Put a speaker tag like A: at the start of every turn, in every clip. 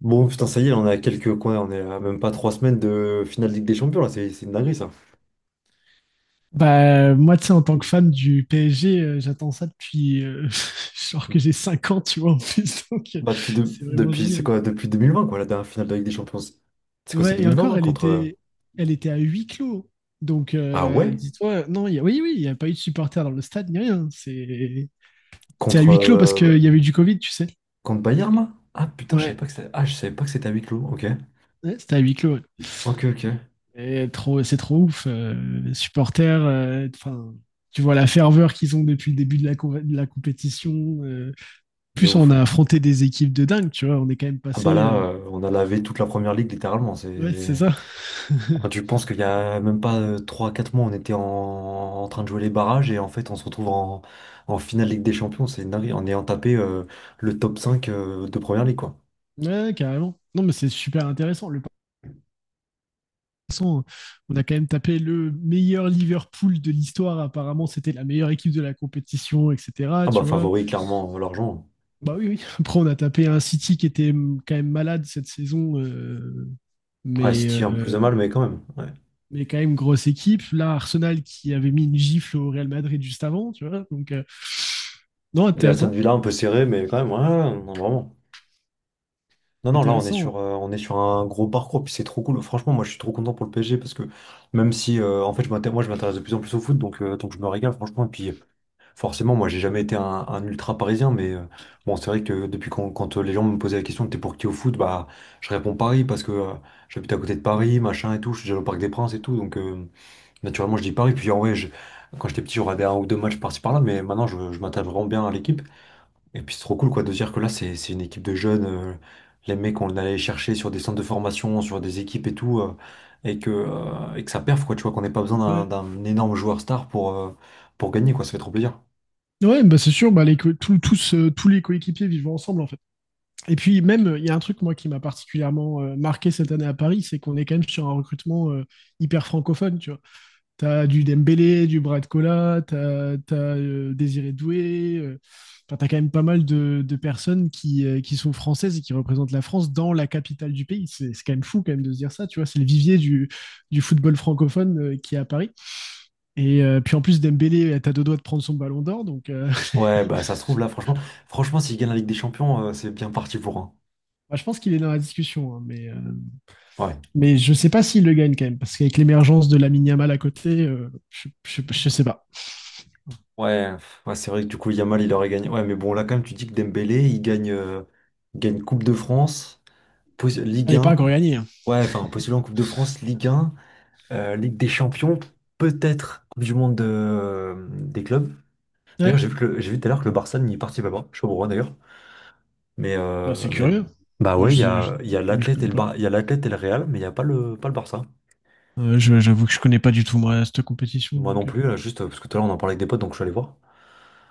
A: Bon, putain, ça y est, on est à quelques coins, on est à même pas 3 semaines de finale de Ligue des Champions, là, c'est une dinguerie, ça.
B: Bah, moi, tu sais, en tant que fan du PSG, j'attends ça depuis genre que j'ai 5 ans, tu vois, en plus. Donc,
A: Bah, depuis,
B: c'est vraiment
A: depuis, c'est
B: génial.
A: quoi, depuis 2020 quoi, la dernière finale de Ligue des Champions. C'est quoi, c'est
B: Ouais, et
A: 2020,
B: encore,
A: non, contre...
B: elle était à huis clos. Donc,
A: Ah ouais?
B: dis-toi, non, oui, oui, il n'y a pas eu de supporters dans le stade, ni rien. C'est à
A: Contre,
B: huis clos parce qu'il y avait du Covid, tu sais.
A: contre Bayern, là? Ah putain, je
B: Ouais,
A: savais pas que c'était... Ah, je savais pas que c'était à huis clos, ok.
B: ouais, c'était à huis clos, ouais.
A: Ok, ok.
B: Et trop, c'est trop ouf. Les supporters, enfin, tu vois la ferveur qu'ils ont depuis le début de de la compétition. Euh,
A: De
B: plus on
A: ouf.
B: a affronté des équipes de dingue, tu vois, on est quand même
A: Ah bah
B: passé.
A: là,
B: Euh,
A: on a lavé toute la première ligue, littéralement,
B: ouais, c'est
A: c'est...
B: ça.
A: Quand tu penses qu'il y a même pas trois quatre mois, on était en train de jouer les barrages et en fait on se retrouve en finale Ligue des Champions, c'est une dinguerie, en ayant tapé le top 5 de Première Ligue quoi.
B: Ouais, carrément. Non, mais c'est super intéressant. Le passant, on a quand même tapé le meilleur Liverpool de l'histoire. Apparemment, c'était la meilleure équipe de la compétition, etc.
A: Ah bah
B: Tu vois.
A: favori clairement l'argent.
B: Bah oui, oui. Après, on a tapé un City qui était quand même malade cette saison,
A: Ouais,
B: mais,
A: City un peu plus
B: euh,
A: de mal mais quand même. Ouais.
B: mais quand même grosse équipe. Là, Arsenal qui avait mis une gifle au Real Madrid juste avant, tu vois. Donc, non,
A: Et Aston
B: intéressant.
A: Villa un peu serré mais quand même, ouais, ouais, non, vraiment. Non, non, là
B: Intéressant, ouais.
A: on est sur un gros parcours, puis c'est trop cool. Franchement, moi je suis trop content pour le PSG parce que même si en fait moi je m'intéresse de plus en plus au foot, donc je me régale franchement. Et puis forcément, moi, j'ai jamais été un ultra parisien, mais bon, c'est vrai que depuis quand, quand les gens me posaient la question, t'es pour qui au foot, bah, je réponds Paris parce que j'habite à côté de Paris, machin et tout, je suis déjà au Parc des Princes et tout, naturellement, je dis Paris. Puis en vrai, quand j'étais petit, j'aurais un ou deux matchs par-ci par-là, mais maintenant, je m'attache vraiment bien à l'équipe. Et puis c'est trop cool, quoi, de dire que là, c'est une équipe de jeunes, les mecs, on allait chercher sur des centres de formation, sur des équipes et tout, et que ça perf, quoi, tu vois, qu'on n'ait pas besoin
B: Ouais.
A: d'un énorme joueur star pour gagner, quoi, ça fait trop plaisir.
B: Ouais, bah c'est sûr, bah les tous, tous les coéquipiers vivent ensemble en fait. Et puis même, il y a un truc moi qui m'a particulièrement marqué cette année à Paris, c'est qu'on est quand même sur un recrutement hyper francophone, tu vois. T'as du Dembélé, du Bradcola, t'as Désiré Doué, enfin, t'as quand même pas mal de personnes qui sont françaises et qui représentent la France dans la capitale du pays. C'est quand même fou quand même de se dire ça, tu vois. C'est le vivier du football francophone qui est à Paris. Et puis en plus, Dembélé est à deux doigts de prendre son ballon d'or, donc
A: Ouais, bah ça se trouve là, franchement, s'il gagne la Ligue des Champions, c'est bien parti pour un.
B: bah, je pense qu'il est dans la discussion, hein,
A: Ouais,
B: mais je ne sais pas s'il le gagne quand même, parce qu'avec l'émergence de la Yamal à côté, je sais pas.
A: ouais, pff, ouais, c'est vrai que du coup, Yamal, il aurait gagné. Ouais, mais bon, là, quand même, tu dis que Dembélé, il gagne Coupe de France, Ligue
B: Elle n'est pas encore
A: 1,
B: gagnée, hein.
A: ouais, enfin, postulant en Coupe de France, Ligue 1, Ligue des Champions, peut-être Coupe du Monde des clubs. D'ailleurs,
B: Ouais,
A: j'ai vu que j'ai vu tout à l'heure que le Barça n'y participe pas, je sais pas pourquoi d'ailleurs,
B: bah, c'est
A: mais
B: curieux.
A: bah ouais, il y a
B: Je
A: l'Athlète et
B: connais pas.
A: Il y a l'Athlète et le Real, mais il n'y a pas pas le Barça.
B: Je- j'avoue que je ne connais pas du tout, moi, cette compétition.
A: Moi
B: Donc,
A: non plus, là, juste parce que tout à l'heure on en parlait avec des potes, donc je suis allé voir.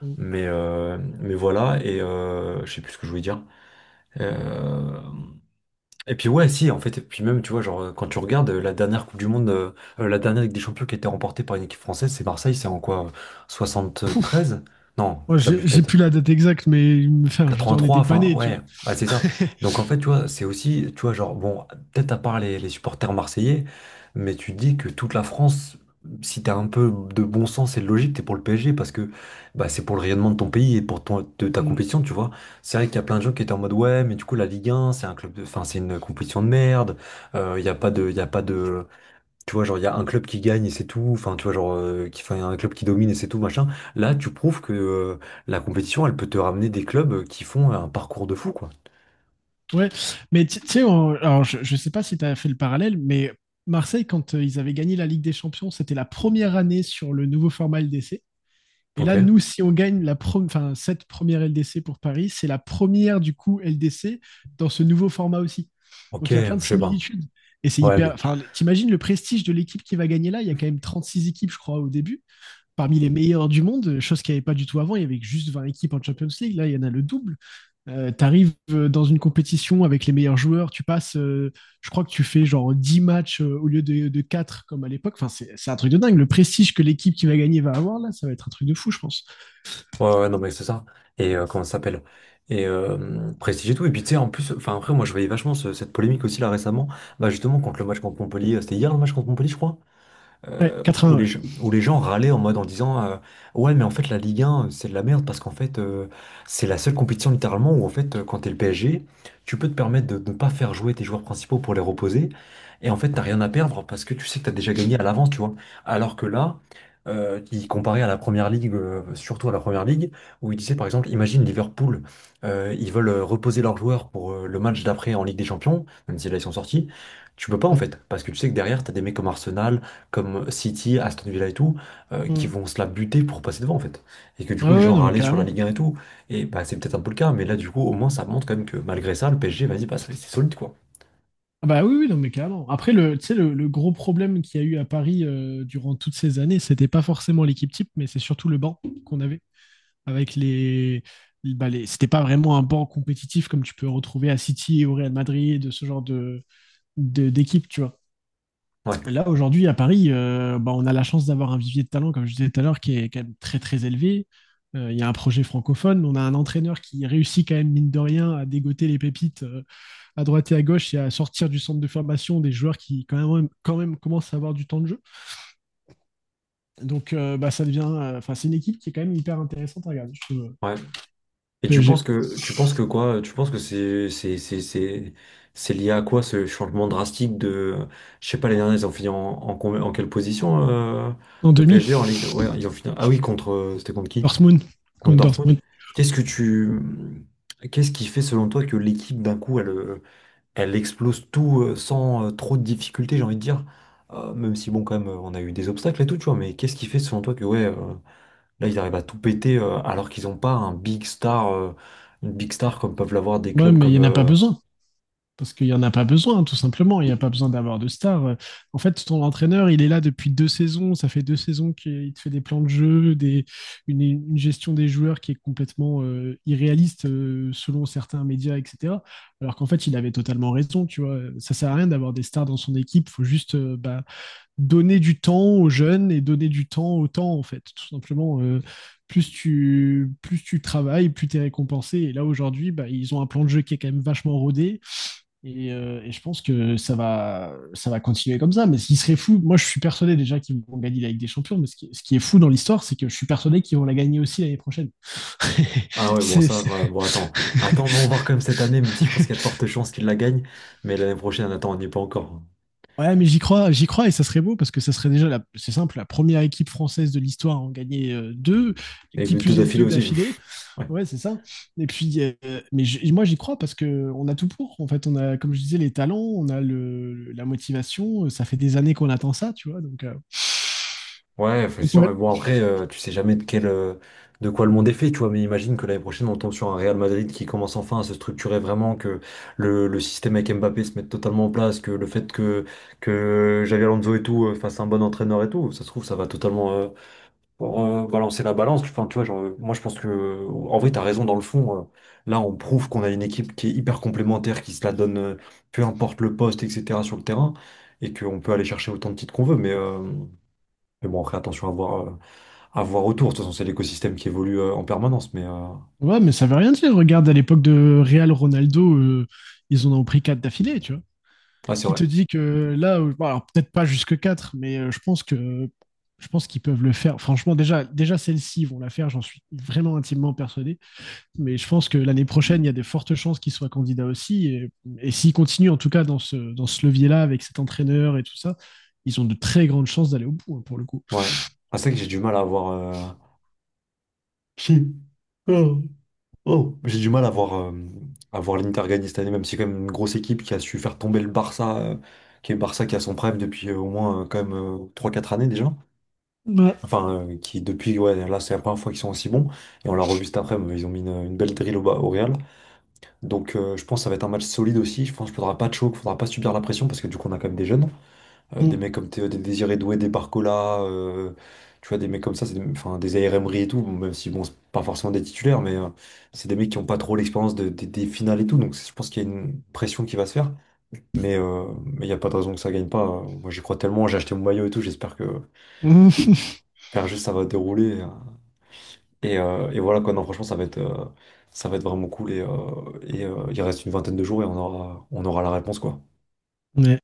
B: mm.
A: Mais voilà, et je sais plus ce que je voulais dire. Euh, et puis ouais, si, en fait, et puis même, tu vois, genre, quand tu regardes la dernière Coupe du Monde, la dernière Ligue des Champions qui a été remportée par une équipe française, c'est Marseille, c'est en quoi? Treize. Non,
B: Moi,
A: j'abuse
B: j'ai
A: peut-être.
B: plus la date exacte, mais enfin, je veux dire, on
A: 83,
B: était pas
A: enfin,
B: nés, tu
A: ouais,
B: vois.
A: bah, c'est ça. Donc, en fait, tu vois, c'est aussi, tu vois, genre, bon, peut-être à part les supporters marseillais, mais tu te dis que toute la France, si t'as un peu de bon sens et de logique, t'es pour le PSG parce que bah, c'est pour le rayonnement de ton pays et pour ton, de ta
B: Mm.
A: compétition, tu vois. C'est vrai qu'il y a plein de gens qui étaient en mode, ouais, mais du coup, la Ligue 1, c'est un club de, enfin, c'est une compétition de merde, il n'y a pas de, il a pas de, tu vois, genre, il y a un club qui gagne et c'est tout. Enfin, tu vois, genre, qui, enfin, y a un club qui domine et c'est tout, machin. Là, tu prouves que la compétition, elle peut te ramener des clubs qui font un parcours de fou, quoi.
B: Ouais, mais tu sais, alors, je sais pas si tu as fait le parallèle, mais Marseille, quand ils avaient gagné la Ligue des Champions, c'était la première année sur le nouveau format LDC. Et
A: Ok,
B: là, nous, si on gagne la enfin, cette première LDC pour Paris, c'est la première du coup LDC dans ce nouveau format aussi.
A: ok,
B: Donc il y a plein de
A: je sais pas.
B: similitudes. Et c'est
A: Ouais,
B: hyper.
A: mais.
B: Enfin, t'imagines le prestige de l'équipe qui va gagner là. Il y a quand même 36 équipes, je crois, au début, parmi les meilleures du monde, chose qu'il n'y avait pas du tout avant. Il y avait juste 20 équipes en Champions League. Là, il y en a le double. Tu arrives dans une compétition avec les meilleurs joueurs. Tu passes, je crois que tu fais genre 10 matchs au lieu de 4 comme à l'époque. Enfin, c'est un truc de dingue. Le prestige que l'équipe qui va gagner va avoir là, ça va être un truc de fou, je pense.
A: Ouais, ouais, non, mais c'est ça. Et comment ça s'appelle? Et prestige et tout. Et puis, tu sais, en plus, enfin, après, moi, je voyais vachement cette polémique aussi, là, récemment. Bah, justement, contre le match contre Montpellier. C'était hier le match contre Montpellier, je crois.
B: Ouais,
A: Où
B: vingts ouais.
A: où les gens râlaient en mode en disant ouais, mais en fait la Ligue 1 c'est de la merde, parce qu'en fait c'est la seule compétition littéralement où en fait quand t'es le PSG tu peux te permettre de ne pas faire jouer tes joueurs principaux pour les reposer, et en fait t'as rien à perdre parce que tu sais que t'as déjà gagné à l'avance, tu vois. Alors que là qui comparait à la première ligue, surtout à la première ligue, où il disait par exemple, imagine Liverpool, ils veulent reposer leurs joueurs pour le match d'après en Ligue des Champions même si là ils sont sortis, tu peux pas, en
B: Mm.
A: fait, parce que tu sais que derrière, t'as des mecs comme Arsenal, comme City, Aston Villa et tout, qui
B: Mm.
A: vont se la buter pour passer devant, en fait. Et que du
B: Ah
A: coup
B: ouais,
A: les
B: ouais,
A: gens
B: non, mais
A: râlaient sur la
B: carrément.
A: Ligue 1 et tout, et bah c'est peut-être un peu le cas, mais là du coup au moins ça montre quand même que malgré ça, le PSG, vas-y, bah, c'est solide, quoi.
B: Ah bah oui, oui, non, mais carrément. Après, le, tu sais, le gros problème qu'il y a eu à Paris durant toutes ces années, c'était pas forcément l'équipe type, mais c'est surtout le banc qu'on avait. Avec les. Bah les c'était pas vraiment un banc compétitif comme tu peux retrouver à City et au Real Madrid, ce genre de, d'équipe, tu vois.
A: Ouais,
B: Là, aujourd'hui, à Paris, bah, on a la chance d'avoir un vivier de talent, comme je disais tout à l'heure, qui est quand même très, très élevé. Il y a un projet francophone. On a un entraîneur qui réussit quand même, mine de rien, à dégoter les pépites à droite et à gauche et à sortir du centre de formation des joueurs qui quand même commencent à avoir du temps de jeu. Donc bah, ça devient, enfin, c'est une équipe qui est quand même hyper intéressante à regarder. Je trouve.
A: ouais. Et
B: PSG
A: tu penses que quoi? Tu penses que c'est lié à quoi ce changement drastique de, je sais pas, les derniers ils ont fini en quelle position,
B: en
A: le
B: demi,
A: PSG en Ligue de... Ouais, ils ont fini, ah oui, contre c'était contre qui?
B: Dortmund,
A: Contre
B: contre
A: Dortmund.
B: Dortmund.
A: Qu'est-ce que tu qu'est-ce qui fait selon toi que l'équipe d'un coup elle, elle explose tout sans trop de difficultés, j'ai envie de dire. Même si, bon, quand même, on a eu des obstacles et tout, tu vois. Mais qu'est-ce qui fait, selon toi, que, ouais, là, ils arrivent à tout péter alors qu'ils n'ont pas un big star, une big star comme peuvent l'avoir des
B: Ouais,
A: clubs
B: mais il n'y
A: comme.
B: en a pas besoin. Parce qu'il n'y en a pas besoin, tout simplement. Il n'y a pas besoin d'avoir de star. En fait, ton entraîneur, il est là depuis 2 saisons. Ça fait 2 saisons qu'il te fait des plans de jeu, des, une gestion des joueurs qui est complètement irréaliste selon certains médias, etc. Alors qu'en fait, il avait totalement raison, tu vois. Ça ne sert à rien d'avoir des stars dans son équipe. Il faut juste bah, donner du temps aux jeunes et donner du temps au temps, en fait. Tout simplement, plus tu travailles, plus tu es récompensé. Et là, aujourd'hui, bah, ils ont un plan de jeu qui est quand même vachement rodé. Et je pense que ça va continuer comme ça. Mais ce qui serait fou, moi je suis persuadé déjà qu'ils vont gagner la Ligue des Champions, mais ce qui est fou dans l'histoire, c'est que je suis persuadé qu'ils vont la gagner aussi l'année prochaine.
A: Ah ouais, bon,
B: C'est-
A: ça,
B: c'est-
A: ouais, bon, attends. Attends, on va voir quand même cette année, même si je pense qu'il y a de fortes chances qu'ils la gagnent. Mais l'année prochaine, attends, on n'y est pas encore.
B: Ouais, mais j'y crois et ça serait beau parce que ça serait déjà, c'est simple, la première équipe française de l'histoire à en gagner deux,
A: Et
B: qui
A: deux
B: plus est
A: d'affilée
B: deux
A: aussi.
B: d'affilée. Ouais, c'est ça. Et puis, mais moi j'y crois parce que on a tout pour. En fait, on a, comme je disais, les talents, on a la motivation. Ça fait des années qu'on attend ça, tu vois. Donc,
A: Ouais, c'est sûr.
B: ouais.
A: Mais bon, après, tu sais jamais de de quoi le monde est fait, tu vois. Mais imagine que l'année prochaine, on tombe sur un Real Madrid qui commence enfin à se structurer vraiment, que le système avec Mbappé se mette totalement en place, que le fait que Xavi Alonso et tout fasse un bon entraîneur et tout, ça se trouve, ça va totalement pour, balancer la balance. Enfin, tu vois, genre, moi, je pense que, en vrai, t'as raison dans le fond. Là, on prouve qu'on a une équipe qui est hyper complémentaire, qui se la donne, peu importe le poste, etc., sur le terrain, et qu'on peut aller chercher autant de titres qu'on veut. Mais. Mais bon, après, attention à voir. À voir autour. De toute façon, c'est l'écosystème qui évolue en permanence, mais
B: Ouais, mais ça veut rien dire. Regarde, à l'époque de Real Ronaldo, ils en ont pris 4 d'affilée, tu vois.
A: ouais, c'est
B: Qui te
A: vrai.
B: dit que là, bon, alors peut-être pas jusque 4, mais je pense qu'ils peuvent le faire. Franchement, déjà celle-ci, ils vont la faire, j'en suis vraiment intimement persuadé. Mais je pense que l'année prochaine, il y a des fortes chances qu'ils soient candidats aussi. Et s'ils continuent, en tout cas, dans dans ce levier-là, avec cet entraîneur et tout ça, ils ont de très grandes chances d'aller au bout, hein, pour le coup.
A: Ouais. Ah, c'est vrai que j'ai du mal à voir. Chi. Oh. Oh. J'ai du mal à voir l'Inter gagner cette année, même si c'est quand même une grosse équipe qui a su faire tomber le Barça, qui est Barça qui a son prime depuis au moins quand même 3-4 années déjà.
B: Ouais.
A: Enfin, qui depuis, ouais, là c'est la première fois qu'ils sont aussi bons. Et on l'a revu cet après-midi, ils ont mis une belle drill au Real. Donc je pense que ça va être un match solide aussi. Je pense qu'il faudra pas de choc, il faudra pas subir la pression parce que du coup on a quand même des jeunes. Des
B: Mm.
A: mecs comme Théo, des Désiré Doué, des Barcola, tu vois, des mecs comme ça, c'est des, enfin, des AR Emery et tout, bon, même si, bon, c'est pas forcément des titulaires, mais c'est des mecs qui ont pas trop l'expérience des finales et tout, donc je pense qu'il y a une pression qui va se faire, mais il n'y a pas de raison que ça gagne pas. Moi, j'y crois tellement, j'ai acheté mon maillot et tout,
B: Mm.
A: j'espère juste que ça va dérouler. Et voilà, quoi, non, franchement, ça va être vraiment cool, et il reste une vingtaine de jours et on aura, la réponse, quoi.
B: Ouais.